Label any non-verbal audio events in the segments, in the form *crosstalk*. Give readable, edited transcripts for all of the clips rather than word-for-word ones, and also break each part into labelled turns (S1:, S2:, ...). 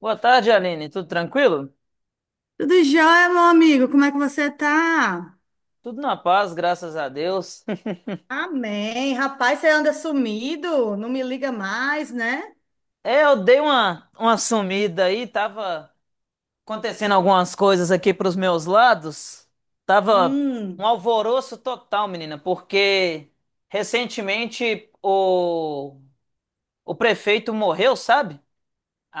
S1: Boa tarde, Aline. Tudo tranquilo?
S2: Tudo jóia, meu amigo? Como é que você tá?
S1: Tudo na paz, graças a Deus. *laughs*
S2: Amém. Rapaz, você anda sumido, não me liga mais, né?
S1: É, eu dei uma sumida aí, tava acontecendo algumas coisas aqui pros meus lados. Tava um
S2: Hum.
S1: alvoroço total, menina, porque recentemente o prefeito morreu, sabe?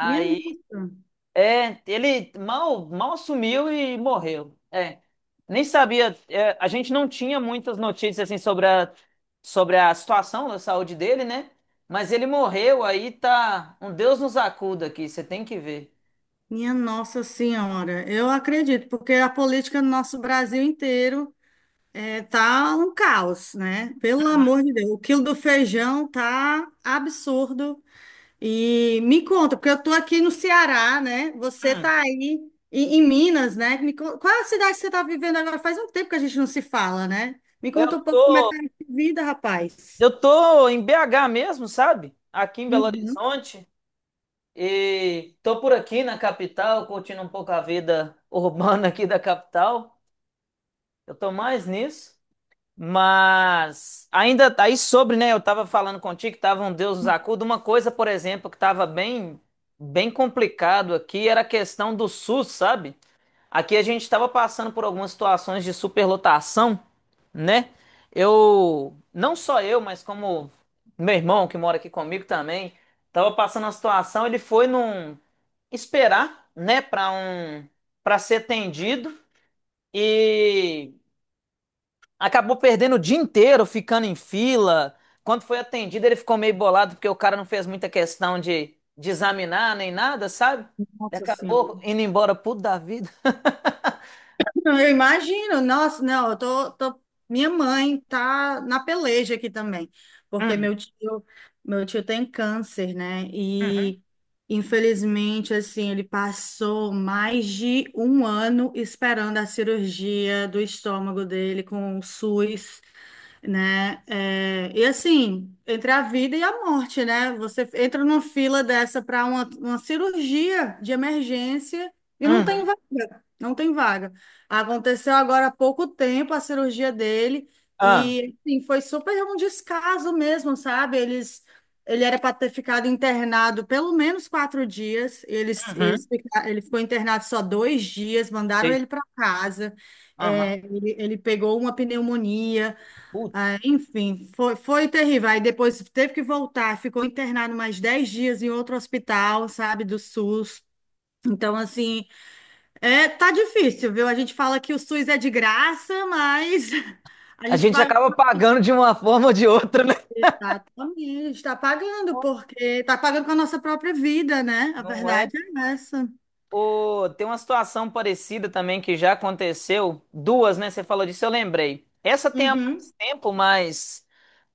S2: Minha nossa.
S1: é, ele mal, mal assumiu e morreu. É, nem sabia. É, a gente não tinha muitas notícias assim sobre a situação da saúde dele, né? Mas ele morreu, aí tá. Um Deus nos acuda aqui, você tem que ver.
S2: Minha Nossa Senhora. Eu acredito, porque a política no nosso Brasil inteiro tá um caos, né? Pelo
S1: Uhum.
S2: amor de Deus, o quilo do feijão tá absurdo. E me conta, porque eu tô aqui no Ceará, né? Você
S1: Hum.
S2: tá aí em Minas, né? Qual é a cidade que você tá vivendo agora? Faz um tempo que a gente não se fala, né? Me conta
S1: Eu
S2: um pouco como é que
S1: tô,
S2: tá a vida, rapaz.
S1: eu tô em BH mesmo, sabe? Aqui em Belo
S2: Uhum.
S1: Horizonte. E tô por aqui na capital, curtindo um pouco a vida *laughs* urbana aqui da capital. Eu tô mais nisso. Mas ainda tá aí sobre, né? Eu estava falando contigo que tava um Deus nos acuda. Uma coisa, por exemplo, que estava bem, bem complicado aqui era a questão do SUS, sabe? Aqui a gente estava passando por algumas situações de superlotação, né? Eu, não só eu, mas como meu irmão que mora aqui comigo também, estava passando uma situação. Ele foi num esperar, né? Para ser atendido e acabou perdendo o dia inteiro ficando em fila. Quando foi atendido, ele ficou meio bolado porque o cara não fez muita questão de examinar nem nada, sabe? Ele
S2: Nossa
S1: acabou
S2: Senhora.
S1: indo embora puto da vida.
S2: Não, eu imagino, nossa, não, minha mãe tá na peleja aqui também, porque
S1: Hum.
S2: meu tio tem câncer, né?
S1: Uhum.
S2: E infelizmente, assim, ele passou mais de um ano esperando a cirurgia do estômago dele com o SUS, né? É, e assim, entre a vida e a morte, né? Você entra numa fila dessa para uma cirurgia de emergência e não tem
S1: Uhum.
S2: vaga, não tem vaga. Aconteceu agora há pouco tempo a cirurgia dele,
S1: Ah.
S2: e assim, foi super um descaso mesmo, sabe? Ele era para ter ficado internado pelo menos 4 dias. Eles, eles,
S1: Uhum.
S2: fica- ele ficou internado só 2 dias, mandaram
S1: Ei.
S2: ele para casa.
S1: Aham.
S2: É, ele pegou uma pneumonia.
S1: Putz.
S2: Ah, enfim, foi terrível. Aí depois teve que voltar, ficou internado mais 10 dias em outro hospital, sabe, do SUS. Então, assim, tá difícil, viu? A gente fala que o SUS é de graça, mas *laughs* a
S1: A
S2: gente
S1: gente
S2: paga.
S1: acaba pagando de uma forma ou de outra, né?
S2: Tá, também, está pagando, porque está pagando com a nossa própria vida, né? A
S1: Não
S2: verdade
S1: é?
S2: é essa.
S1: Ô, tem uma situação parecida também que já aconteceu. Duas, né? Você falou disso, eu lembrei. Essa tem há mais
S2: Uhum.
S1: tempo, mas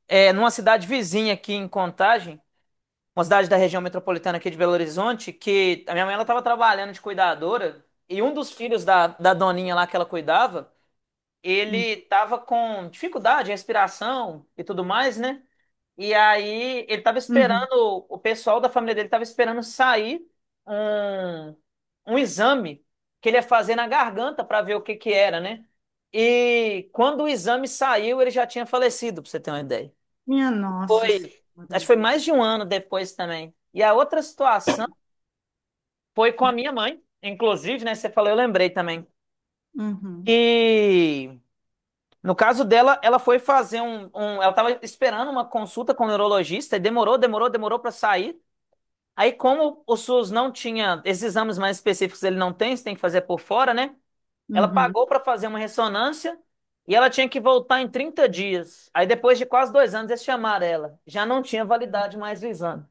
S1: é, numa cidade vizinha aqui em Contagem. Uma cidade da região metropolitana aqui de Belo Horizonte, que a minha mãe, ela estava trabalhando de cuidadora e um dos filhos da doninha lá que ela cuidava, ele estava com dificuldade em respiração e tudo mais, né? E aí ele estava
S2: Uhum.
S1: esperando, o pessoal da família dele estava esperando sair um, um exame que ele ia fazer na garganta para ver o que que era, né? E quando o exame saiu, ele já tinha falecido, para você ter uma ideia.
S2: Minha Nossa
S1: Foi, acho que
S2: Senhora.
S1: foi mais de um ano depois também. E a outra situação foi com a minha mãe, inclusive, né? Você falou, eu lembrei também.
S2: Uhum.
S1: E no caso dela, ela foi fazer ela estava esperando uma consulta com o neurologista e demorou, demorou, demorou para sair. Aí, como o SUS não tinha esses exames mais específicos, ele não tem, você tem que fazer por fora, né? Ela
S2: Uhum.
S1: pagou para fazer uma ressonância e ela tinha que voltar em 30 dias. Aí, depois de quase dois anos, eles chamaram ela. Já não tinha validade mais o exame.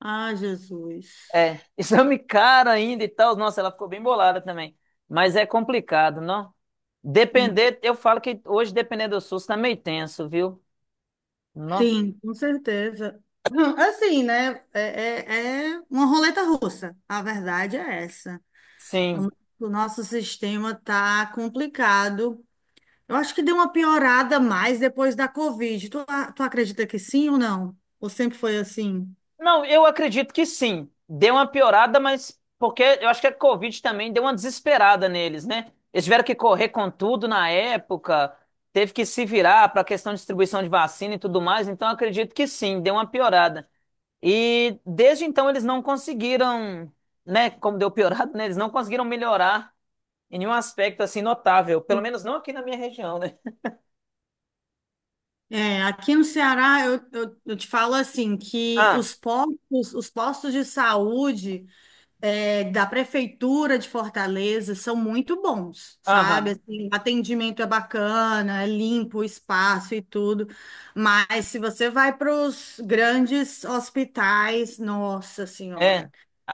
S2: Ah, Jesus.
S1: É, *laughs* exame caro ainda e tal. Nossa, ela ficou bem bolada também. Mas é complicado, não? Depender, eu falo que hoje depender do SUS tá meio tenso, viu? Não?
S2: Sim, com certeza. *laughs* Assim, né? É uma roleta russa. A verdade é essa. O
S1: Sim.
S2: no- o nosso sistema tá complicado. Eu acho que deu uma piorada mais depois da Covid. Tu acredita que sim ou não? Ou sempre foi assim?
S1: Não, eu acredito que sim. Deu uma piorada, mas porque eu acho que a Covid também deu uma desesperada neles, né? Eles tiveram que correr com tudo na época, teve que se virar para a questão de distribuição de vacina e tudo mais, então eu acredito que sim, deu uma piorada. E desde então eles não conseguiram, né, como deu piorado, né, eles não conseguiram melhorar em nenhum aspecto assim notável, pelo menos não aqui na minha região, né?
S2: É, aqui no Ceará, eu te falo assim, que
S1: Ah.
S2: os postos de saúde, da prefeitura de Fortaleza são muito bons, sabe?
S1: Aham.
S2: Assim, o atendimento é bacana, é limpo o espaço e tudo, mas se você vai para os grandes hospitais, nossa
S1: É,
S2: senhora,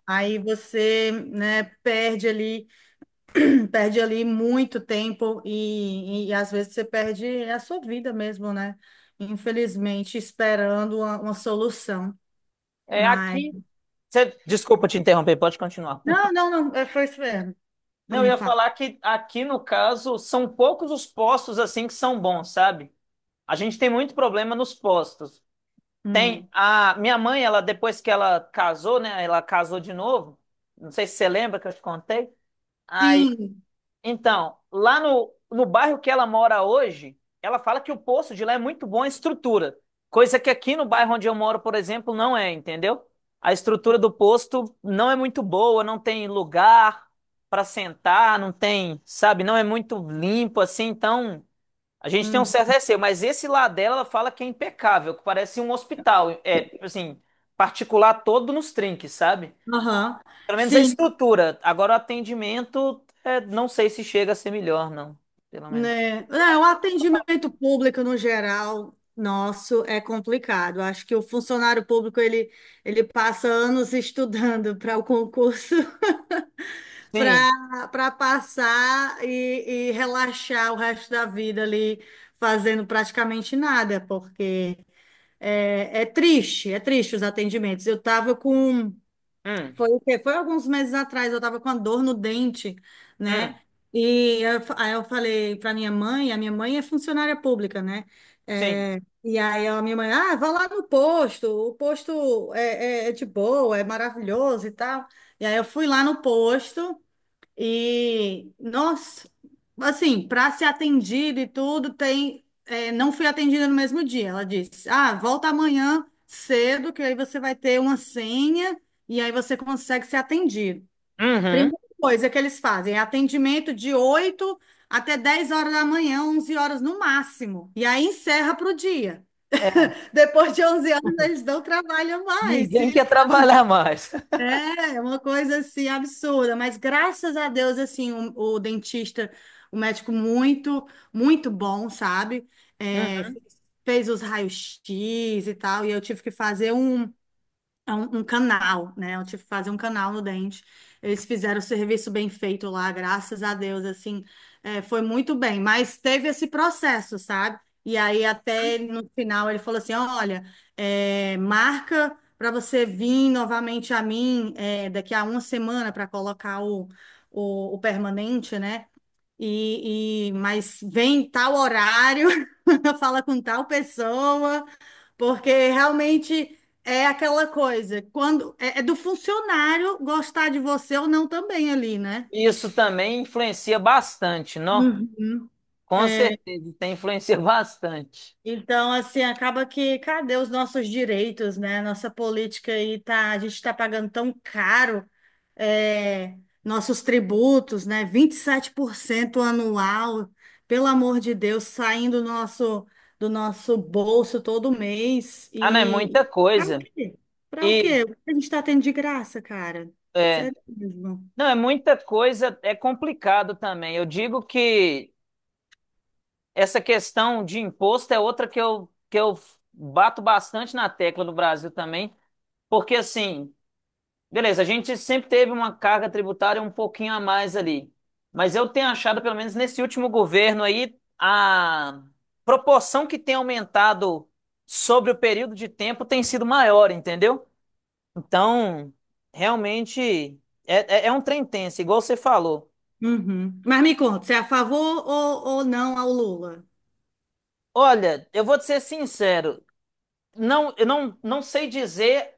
S2: aí você, né, perde ali, *clears throat* perde ali muito tempo e às vezes você perde a sua vida mesmo, né? Infelizmente, esperando uma solução.
S1: é
S2: Mas
S1: aqui. Cê- desculpa te interromper, pode continuar. *laughs*
S2: não, não, não, é, foi isso mesmo.
S1: Não, eu
S2: Me
S1: ia
S2: fala.
S1: falar que aqui no caso são poucos os postos assim que são bons, sabe? A gente tem muito problema nos postos. Tem
S2: Hum.
S1: a minha mãe, ela depois que ela casou, né, ela casou de novo. Não sei se você lembra que eu te contei.
S2: Sim.
S1: Então, lá no bairro que ela mora hoje, ela fala que o poço de lá é muito bom em estrutura, coisa que aqui no bairro onde eu moro, por exemplo, não é, entendeu? A estrutura do posto não é muito boa, não tem lugar para sentar, não tem, sabe, não é muito limpo assim, então a gente tem um
S2: Hum.
S1: certo receio, mas esse lá dela, ela fala que é impecável, que parece um hospital, é, tipo assim, particular todo nos trinques, sabe?
S2: Aham.
S1: Pelo menos a
S2: Sim,
S1: estrutura. Agora o atendimento, é, não sei se chega a ser melhor, não. Pelo menos.
S2: né? É, o atendimento público no geral nosso é complicado. Acho que o funcionário público ele passa anos *laughs* estudando para o concurso *laughs*
S1: Sim.
S2: para passar e relaxar o resto da vida ali fazendo praticamente nada, porque é triste, é triste os atendimentos. Eu estava com
S1: Hum.
S2: Foi o quê? Foi alguns meses atrás, eu tava com a dor no dente,
S1: Hum.
S2: né? Aí eu falei pra minha mãe, a minha mãe é funcionária pública, né?
S1: Sim.
S2: É, e aí a minha mãe, ah, vá lá no posto, o posto é de boa, é maravilhoso e tal. E aí eu fui lá no posto, e, nossa, assim, para ser atendida e tudo, tem. Não fui atendida no mesmo dia. Ela disse: Ah, volta amanhã cedo, que aí você vai ter uma senha e aí você consegue ser atendido.
S1: Uhum.
S2: Primeira coisa que eles fazem é atendimento de 8 até 10 horas da manhã, 11 horas no máximo. E aí encerra para o dia.
S1: É.
S2: Depois de 11 horas, eles
S1: *laughs*
S2: não trabalham mais.
S1: Ninguém quer trabalhar mais.
S2: É uma coisa assim absurda, mas graças a Deus assim o dentista, o médico muito, muito bom, sabe? É,
S1: Uhum.
S2: fez os raios-x e tal, e eu tive que fazer um canal, né? Eu tive que fazer um canal no dente. Eles fizeram o serviço bem feito lá, graças a Deus, assim, foi muito bem. Mas teve esse processo, sabe? E aí até ele, no final ele falou assim, olha, marca para você vir novamente a mim, daqui a uma semana, para colocar o permanente, né? Mas vem em tal horário, *laughs* fala com tal pessoa, porque realmente é aquela coisa, quando é do funcionário gostar de você ou não também ali, né?
S1: Isso também influencia bastante, não? Com certeza, tem influencia bastante.
S2: Então, assim, acaba que cadê os nossos direitos, né? Nossa política aí tá, a gente está pagando tão caro, é, nossos tributos, né? 27% anual, pelo amor de Deus, saindo do nosso, bolso todo mês.
S1: Ah, não, é
S2: E
S1: muita
S2: para o
S1: coisa.
S2: quê? Para o
S1: E
S2: quê? O que a gente está tendo de graça, cara?
S1: é,
S2: Sério mesmo.
S1: não, é muita coisa, é complicado também. Eu digo que essa questão de imposto é outra que eu bato bastante na tecla no Brasil também, porque assim, beleza, a gente sempre teve uma carga tributária um pouquinho a mais ali, mas eu tenho achado, pelo menos nesse último governo aí, a proporção que tem aumentado sobre o período de tempo tem sido maior, entendeu? Então, realmente, é, é, é um trem tenso, igual você falou.
S2: Uhum. Mas me conta, você é a favor, ou não, ao Lula?
S1: Olha, eu vou te ser sincero, não, eu não sei dizer.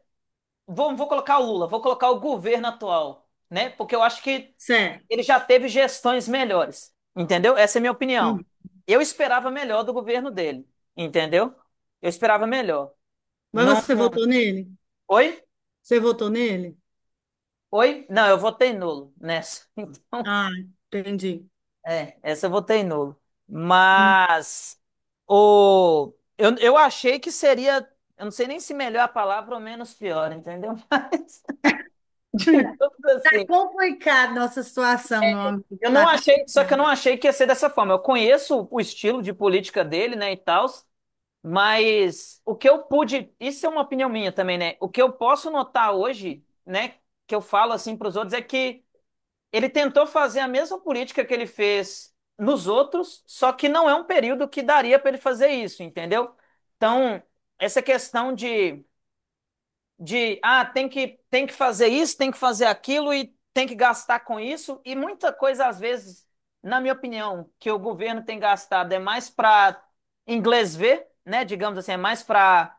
S1: Vou colocar o Lula, vou colocar o governo atual, né? Porque eu acho que
S2: Certo.
S1: ele já teve gestões melhores, entendeu? Essa é a minha opinião.
S2: Uhum.
S1: Eu esperava melhor do governo dele, entendeu? Eu esperava melhor.
S2: Mas
S1: Não.
S2: você votou nele?
S1: Oi?
S2: Você votou nele?
S1: Oi? Não, eu votei nulo nessa. *laughs* Então,
S2: Ah, entendi.
S1: é, essa eu votei nulo. Mas eu achei que seria, eu não sei nem se melhor a palavra ou menos pior, entendeu? *laughs* Mas,
S2: *laughs*
S1: digamos
S2: Tá
S1: assim,
S2: complicada a nossa situação, meu amigo.
S1: eu não
S2: Tá
S1: achei, só que eu
S2: complicado.
S1: não achei que ia ser dessa forma. Eu conheço o estilo de política dele, né, e tal, mas o que eu pude, isso é uma opinião minha também, né? O que eu posso notar hoje, né, que eu falo assim para os outros é que ele tentou fazer a mesma política que ele fez nos outros, só que não é um período que daria para ele fazer isso, entendeu? Então, essa questão de tem que fazer isso, tem que fazer aquilo e tem que gastar com isso. E muita coisa, às vezes, na minha opinião, que o governo tem gastado é mais para inglês ver, né? Digamos assim, é mais para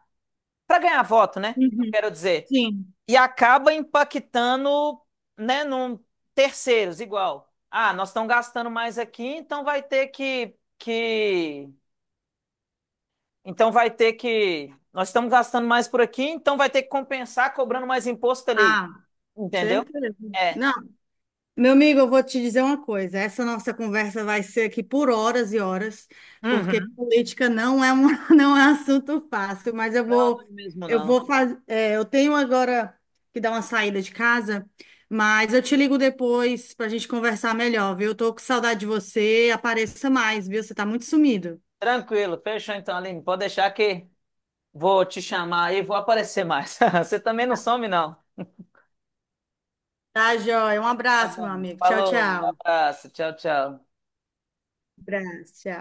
S1: para ganhar voto, né? Eu
S2: Uhum.
S1: quero dizer.
S2: Sim.
S1: E acaba impactando, né, num terceiros, igual. Ah, nós estamos gastando mais aqui, então vai ter que. Então vai ter que. Nós estamos gastando mais por aqui, então vai ter que compensar cobrando mais imposto ali.
S2: Ah,
S1: Entendeu?
S2: certeza.
S1: É.
S2: Não, meu amigo, eu vou te dizer uma coisa. Essa nossa conversa vai ser aqui por horas e horas, porque
S1: Uhum.
S2: política não é um, *laughs* não é assunto fácil, mas
S1: Não, não é mesmo
S2: eu
S1: não.
S2: vou fazer, eu tenho agora que dar uma saída de casa, mas eu te ligo depois para a gente conversar melhor, viu? Eu tô com saudade de você, apareça mais, viu? Você tá muito sumido.
S1: Tranquilo, fechou então, Aline. Pode deixar que vou te chamar aí, vou aparecer mais. *laughs* Você também não some, não.
S2: Tá, joia. Um
S1: Tá
S2: abraço, meu
S1: bom.
S2: amigo. Tchau,
S1: Falou, um
S2: tchau.
S1: abraço, tchau, tchau.
S2: Um abraço, tchau.